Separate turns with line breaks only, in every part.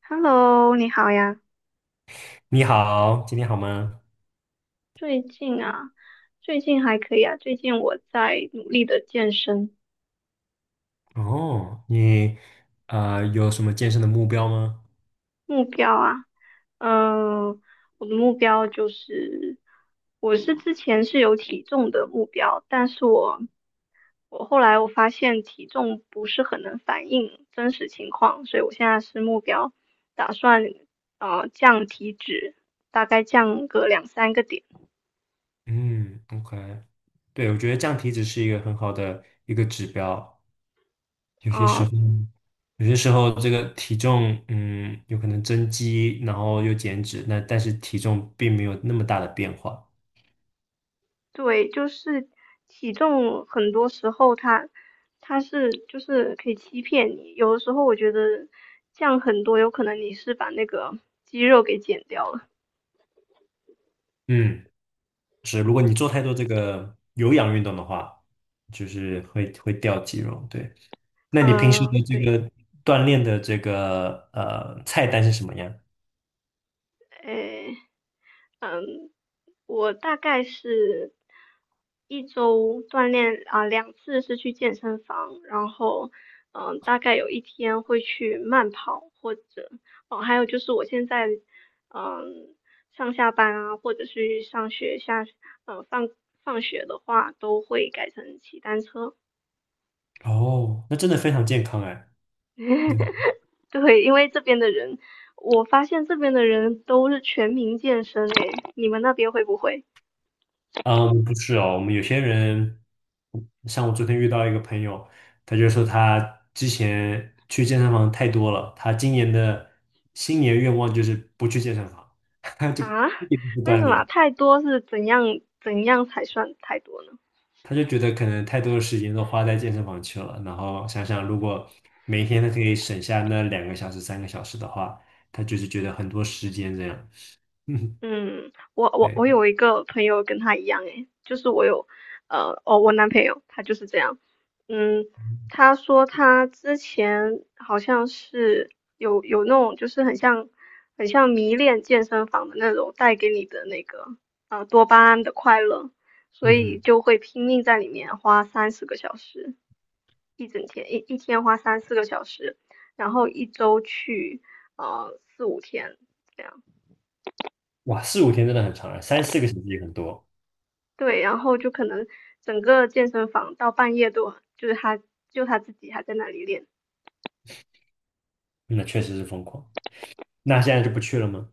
Hello，你好呀。
你好，今天好吗？
最近啊，最近还可以啊。最近我在努力的健身，
哦，你有什么健身的目标吗？
目标啊，嗯、我的目标就是，我是之前是有体重的目标，但是我后来我发现体重不是很能反映真实情况，所以我现在是目标打算降体脂，大概降个两三个点。
嗯，OK，对，我觉得降体脂是一个很好的一个指标。
嗯、呃
后有些时候这个体重，有可能增肌，然后又减脂，那但是体重并没有那么大的变化。
对，就是体重，很多时候它是就是可以欺骗你。有的时候我觉得降很多，有可能你是把那个肌肉给减掉了。
嗯，是，如果你做太多这个有氧运动的话，就是会掉肌肉。对，那你平时的
嗯，
这
对，
个锻炼的这个菜单是什么样？
诶。我大概是一周锻炼啊，两次是去健身房，然后嗯，大概有一天会去慢跑，或者哦，还有就是我现在嗯上下班啊，或者是上学下呃放放学的话，都会改成骑单车。
哦，那真的非常健康哎。嗯，
对，因为这边的人，我发现这边的人都是全民健身诶，你们那边会不会？
啊，不是哦，我们有些人，像我昨天遇到一个朋友，他就说他之前去健身房太多了，他今年的新年愿望就是不去健身房，他就
啊？
一直不
为
锻
什么
炼，
太多是怎样怎样才算太多呢？
他就觉得可能太多的时间都花在健身房去了，然后想想如果每天他可以省下那2个小时、3个小时的话，他就是觉得很多时间这样。嗯，
嗯，我我
对，
我有一个朋友跟他一样诶，就是我有我男朋友他就是这样，嗯，他说他之前好像是有那种就是很像很像迷恋健身房的那种带给你的那个多巴胺的快乐，所
嗯
以
哼。
就会拼命在里面花30个小时。一整天，一天花3、4个小时，然后一周去4、5天这样，
哇，四五天真的很长啊，三四个小时也很多，
对，然后就可能整个健身房到半夜都就是他就他自己还在那里练，
那确实是疯狂。那现在就不去了吗？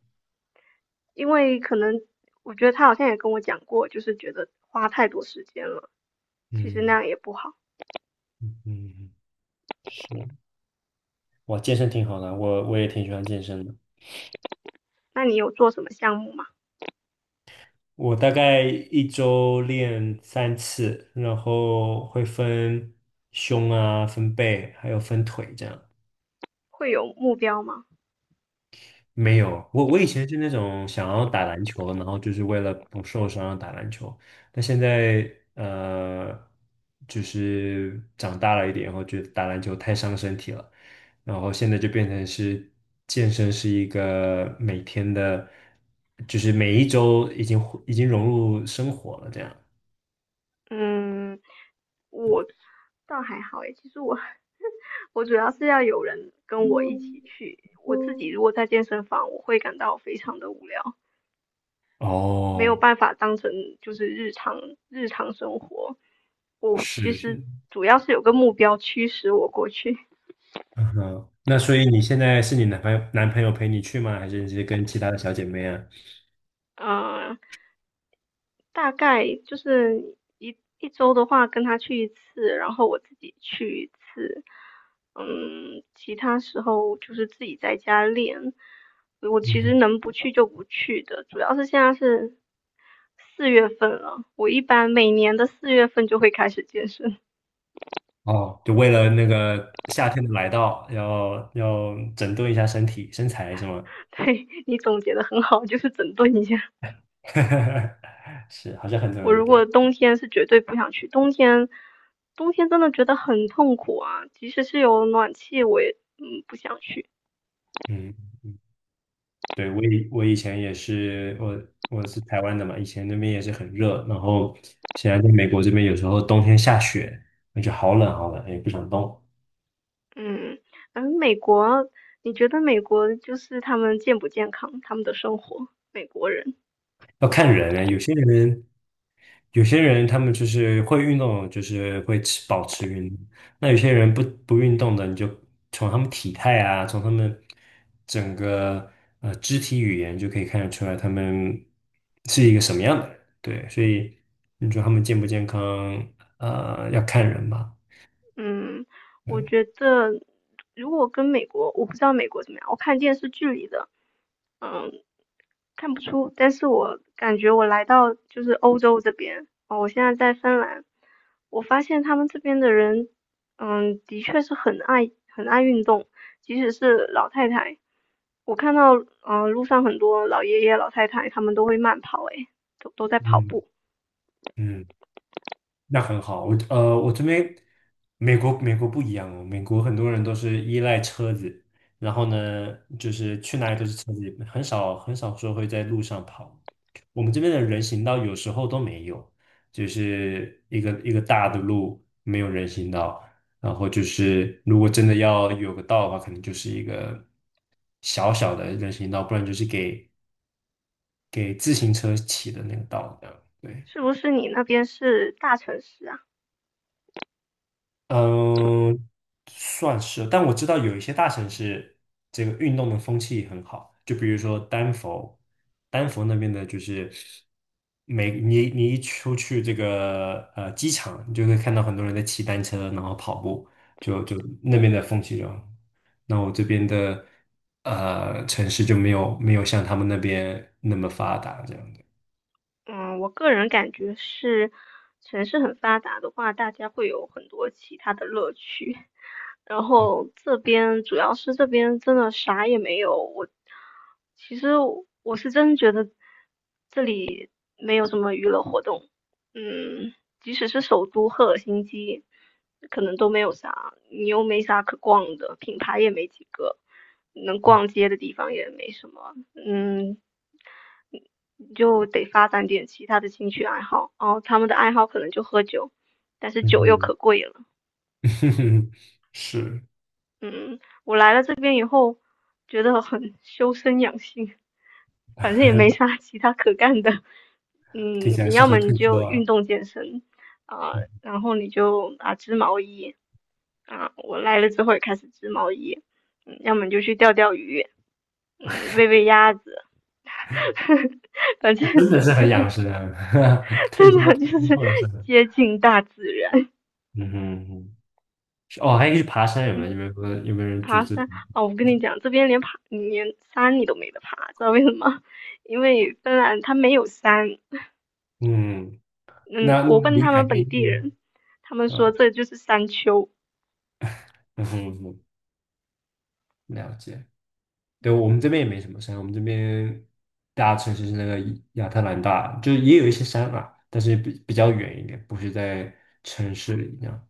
因为可能我觉得他好像也跟我讲过，就是觉得花太多时间了，其实那
嗯
样也不好。
嗯，是，哇，健身挺好的，我也挺喜欢健身的。
那你有做什么项目吗？
我大概一周练3次，然后会分胸啊、分背，还有分腿这样。
会有目标吗？
没有，我以前是那种想要打篮球，然后就是为了不受伤打篮球，但现在呃，就是长大了一点以后，觉得打篮球太伤身体了，然后现在就变成是健身是一个每天的，就是每一周已经融入生活了这样。
嗯，我倒还好诶，其实我 我主要是要有人跟我一起去。我自己如果在健身房，我会感到非常的无聊，没有
哦，
办法当成就是日常日常生活。我其
是是，
实主要是有个目标驱使我过去，
嗯哼，那所以你现在是你男朋友陪你去吗？还是你是跟其他的小姐妹啊？
嗯、大概就是一周的话，跟他去一次，然后我自己去一次，嗯，其他时候就是自己在家练。我其实 能不去就不去的，主要是现在是四月份了，我一般每年的四月份就会开始健身。
哦，就为了那个夏天的来到，要整顿一下身体身材是吗？
对，你总结的很好，就是整顿一下。
是，好像很多
我
人都
如
这样。
果冬天是绝对不想去，冬天真的觉得很痛苦啊，即使是有暖气，我也不想去。
嗯，对，我以前也是，我是台湾的嘛，以前那边也是很热，然后现在在美国这边有时候冬天下雪，那就好冷好冷，也不想动。
嗯，嗯，美国，你觉得美国就是他们健不健康？他们的生活，美国人，
要看人呢，有些人他们就是会运动的，就是会保持运动。那有些人不运动的，你就从他们体态啊，从他们整个肢体语言就可以看得出来，他们是一个什么样的人。对，所以你说他们健不健康，要看人吧。
嗯，我
对，
觉得如果跟美国，我不知道美国怎么样，我看电视剧里的，嗯，看不出，但是我感觉我来到就是欧洲这边，哦，我现在在芬兰，我发现他们这边的人，嗯，的确是很爱很爱运动，即使是老太太，我看到，路上很多老爷爷、老太太，他们都会慢跑，诶，都都在跑
嗯
步。
嗯。那很好，我这边美国不一样哦，美国很多人都是依赖车子，然后呢，就是去哪里都是车子，很少很少说会在路上跑。我们这边的人行道有时候都没有，就是一个大的路没有人行道，然后就是如果真的要有个道的话，可能就是一个小小的人行道，不然就是给自行车骑的那个道这样。对。
是不是你那边是大城市啊？
嗯，算是，但我知道有一些大城市，这个运动的风气也很好，就比如说丹佛，丹佛那边的就是你一出去这个机场，你就会看到很多人在骑单车，然后跑步，就那边的风气就好那我这边的城市就没有像他们那边那么发达这样的。
嗯，我个人感觉是，城市很发达的话，大家会有很多其他的乐趣。然后这边主要是这边真的啥也没有。我其实我是真觉得这里没有什么娱乐活动。嗯，即使是首都赫尔辛基，可能都没有啥，你又没啥可逛的，品牌也没几个，能逛街的地方也没什么。嗯，你就得发展点其他的兴趣爱好。哦，他们的爱好可能就喝酒，但是酒又
嗯
可贵了。
哼，是，
嗯，我来了这边以后，觉得很修身养性，反正也没 啥其他可干的。嗯，
听起来
你
适
要
合
么你
退休
就运
啊。
动健身啊、
嗯
然后你就啊织毛衣啊、我来了之后也开始织毛衣，嗯，要么你就去钓钓鱼，嗯，喂喂鸭子，反正
真的是很养生啊，退
真
休
的
退
就
休
是
后的生活。
接近大自然，
嗯哼嗯哼哦，还可以去爬山，有没有？有
嗯。
没有有没有人组
爬
织？
山啊，我跟你讲，这边连爬连山你都没得爬，知道为什么？因为芬兰它没有山。
嗯，
嗯，
那
我
那
问
离
他
海
们
边
本地人，
近，
他们说
嗯
这就是山丘。
嗯哼哼了解。对，我们这边也没什么山，我们这边大城市是那个亚特兰大，就是也有一些山啊，但是比较远一点，不是在城市里那样。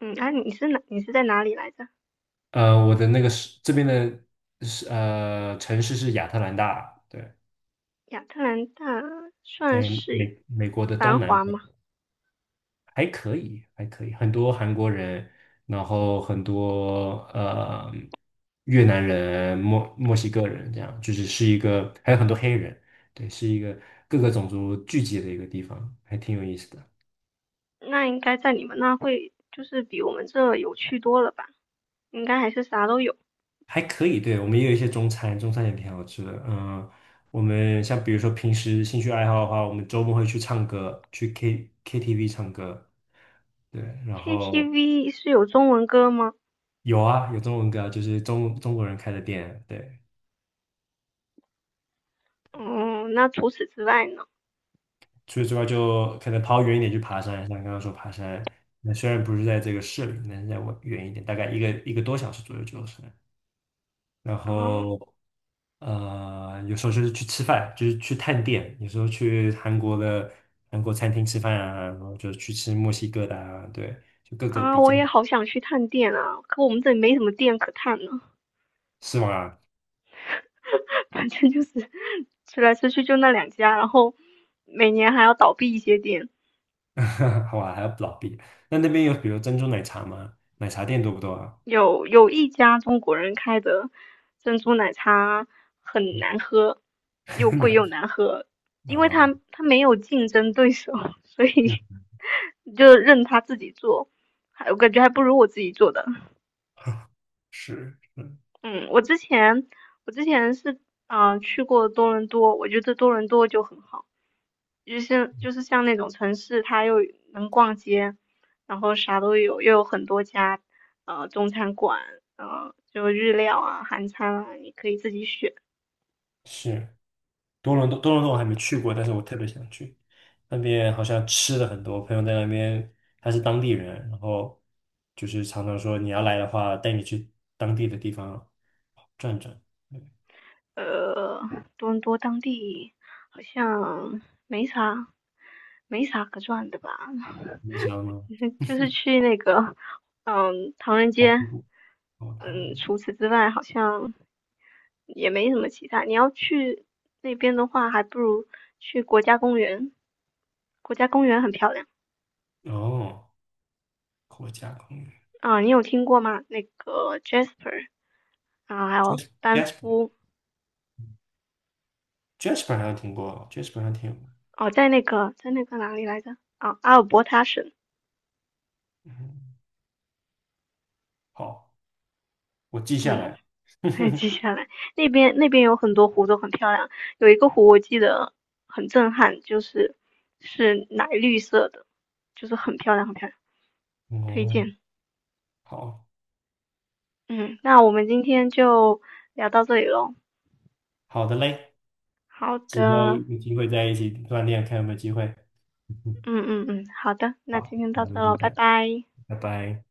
嗯，啊，你是哪？你是在哪里来着？
我的那个是这边的是城市是亚特兰大，对，
亚特兰大算
在
是
美国的
繁
东南。
华吗？
还可以，还可以，很多韩国人，然后很多越南人、墨西哥人，这样就是一个，还有很多黑人，对，是一个各个种族聚集的一个地方，还挺有意思的，
那应该在你们那会就是比我们这有趣多了吧？应该还是啥都有。
还可以。对，我们也有一些中餐，中餐也挺好吃的。嗯，我们像比如说平时兴趣爱好的话，我们周末会去唱歌，去 KTV 唱歌。对，然后
KTV 是有中文歌吗？
有啊，有中文歌，就是中国人开的店，对。
哦、那除此之外呢？
除此之外，就可能跑远一点去爬山，像刚刚说爬山，那虽然不是在这个市里，但是在我远一点，大概一个多小时左右就是。然
哦、
后，有时候就是去吃饭，就是去探店，有时候去韩国餐厅吃饭啊，然后就去吃墨西哥的啊，对，就各个
啊，
比
我
较，
也好想去探店啊，可我们这里没什么店可探呢。
是吗？
反正就是吃来吃去就那两家，然后每年还要倒闭一些店。
好啊，还有老毕，那边有比如珍珠奶茶吗？奶茶店多不多啊？
有一家中国人开的珍珠奶茶很难喝，又 贵
奶
又难喝，
啊，
因为
呃
他没有竞争对手，所以
嗯，
就任他自己做，还我感觉还不如我自己做的。
是
嗯，我之前是去过多伦多，我觉得多伦多就很好，就是就是像那种城市，它又能逛街，然后啥都有，又有很多家中餐馆，就日料啊、韩餐啊，你可以自己选。
是。多伦多我还没去过，但是我特别想去。那边好像吃的很多，我朋友在那边，他是当地人，然后就是常常说你要来的话，带你去当地的地方转转。对，
呃，多伦多当地好像没啥没啥可转的吧，
你知道吗？
就是去那个唐人街，
哦，
嗯，除此之外好像。也没什么其他。你要去那边的话，还不如去国家公园，国家公园很漂亮
哦，国家公园
啊、你有听过吗？那个 Jasper 啊，还有班夫
，Jasper，Jasper 好像听过，Jasper 好像听过。
哦，在那个哪里来着？啊，阿尔伯塔省。
嗯，好，我记下
嗯，
来。
还记 下来，那边有很多湖都很漂亮，有一个湖我记得很震撼，就是是奶绿色的，就是很漂亮，很漂亮，推
哦，
荐。
好
嗯，那我们今天就聊到这里喽。
好的嘞，
好
之后
的。
有机会在一起锻炼，看有没有机会。
嗯嗯嗯，好的，那今
好，
天到
那
这
就今
喽，拜
天，
拜。
拜拜。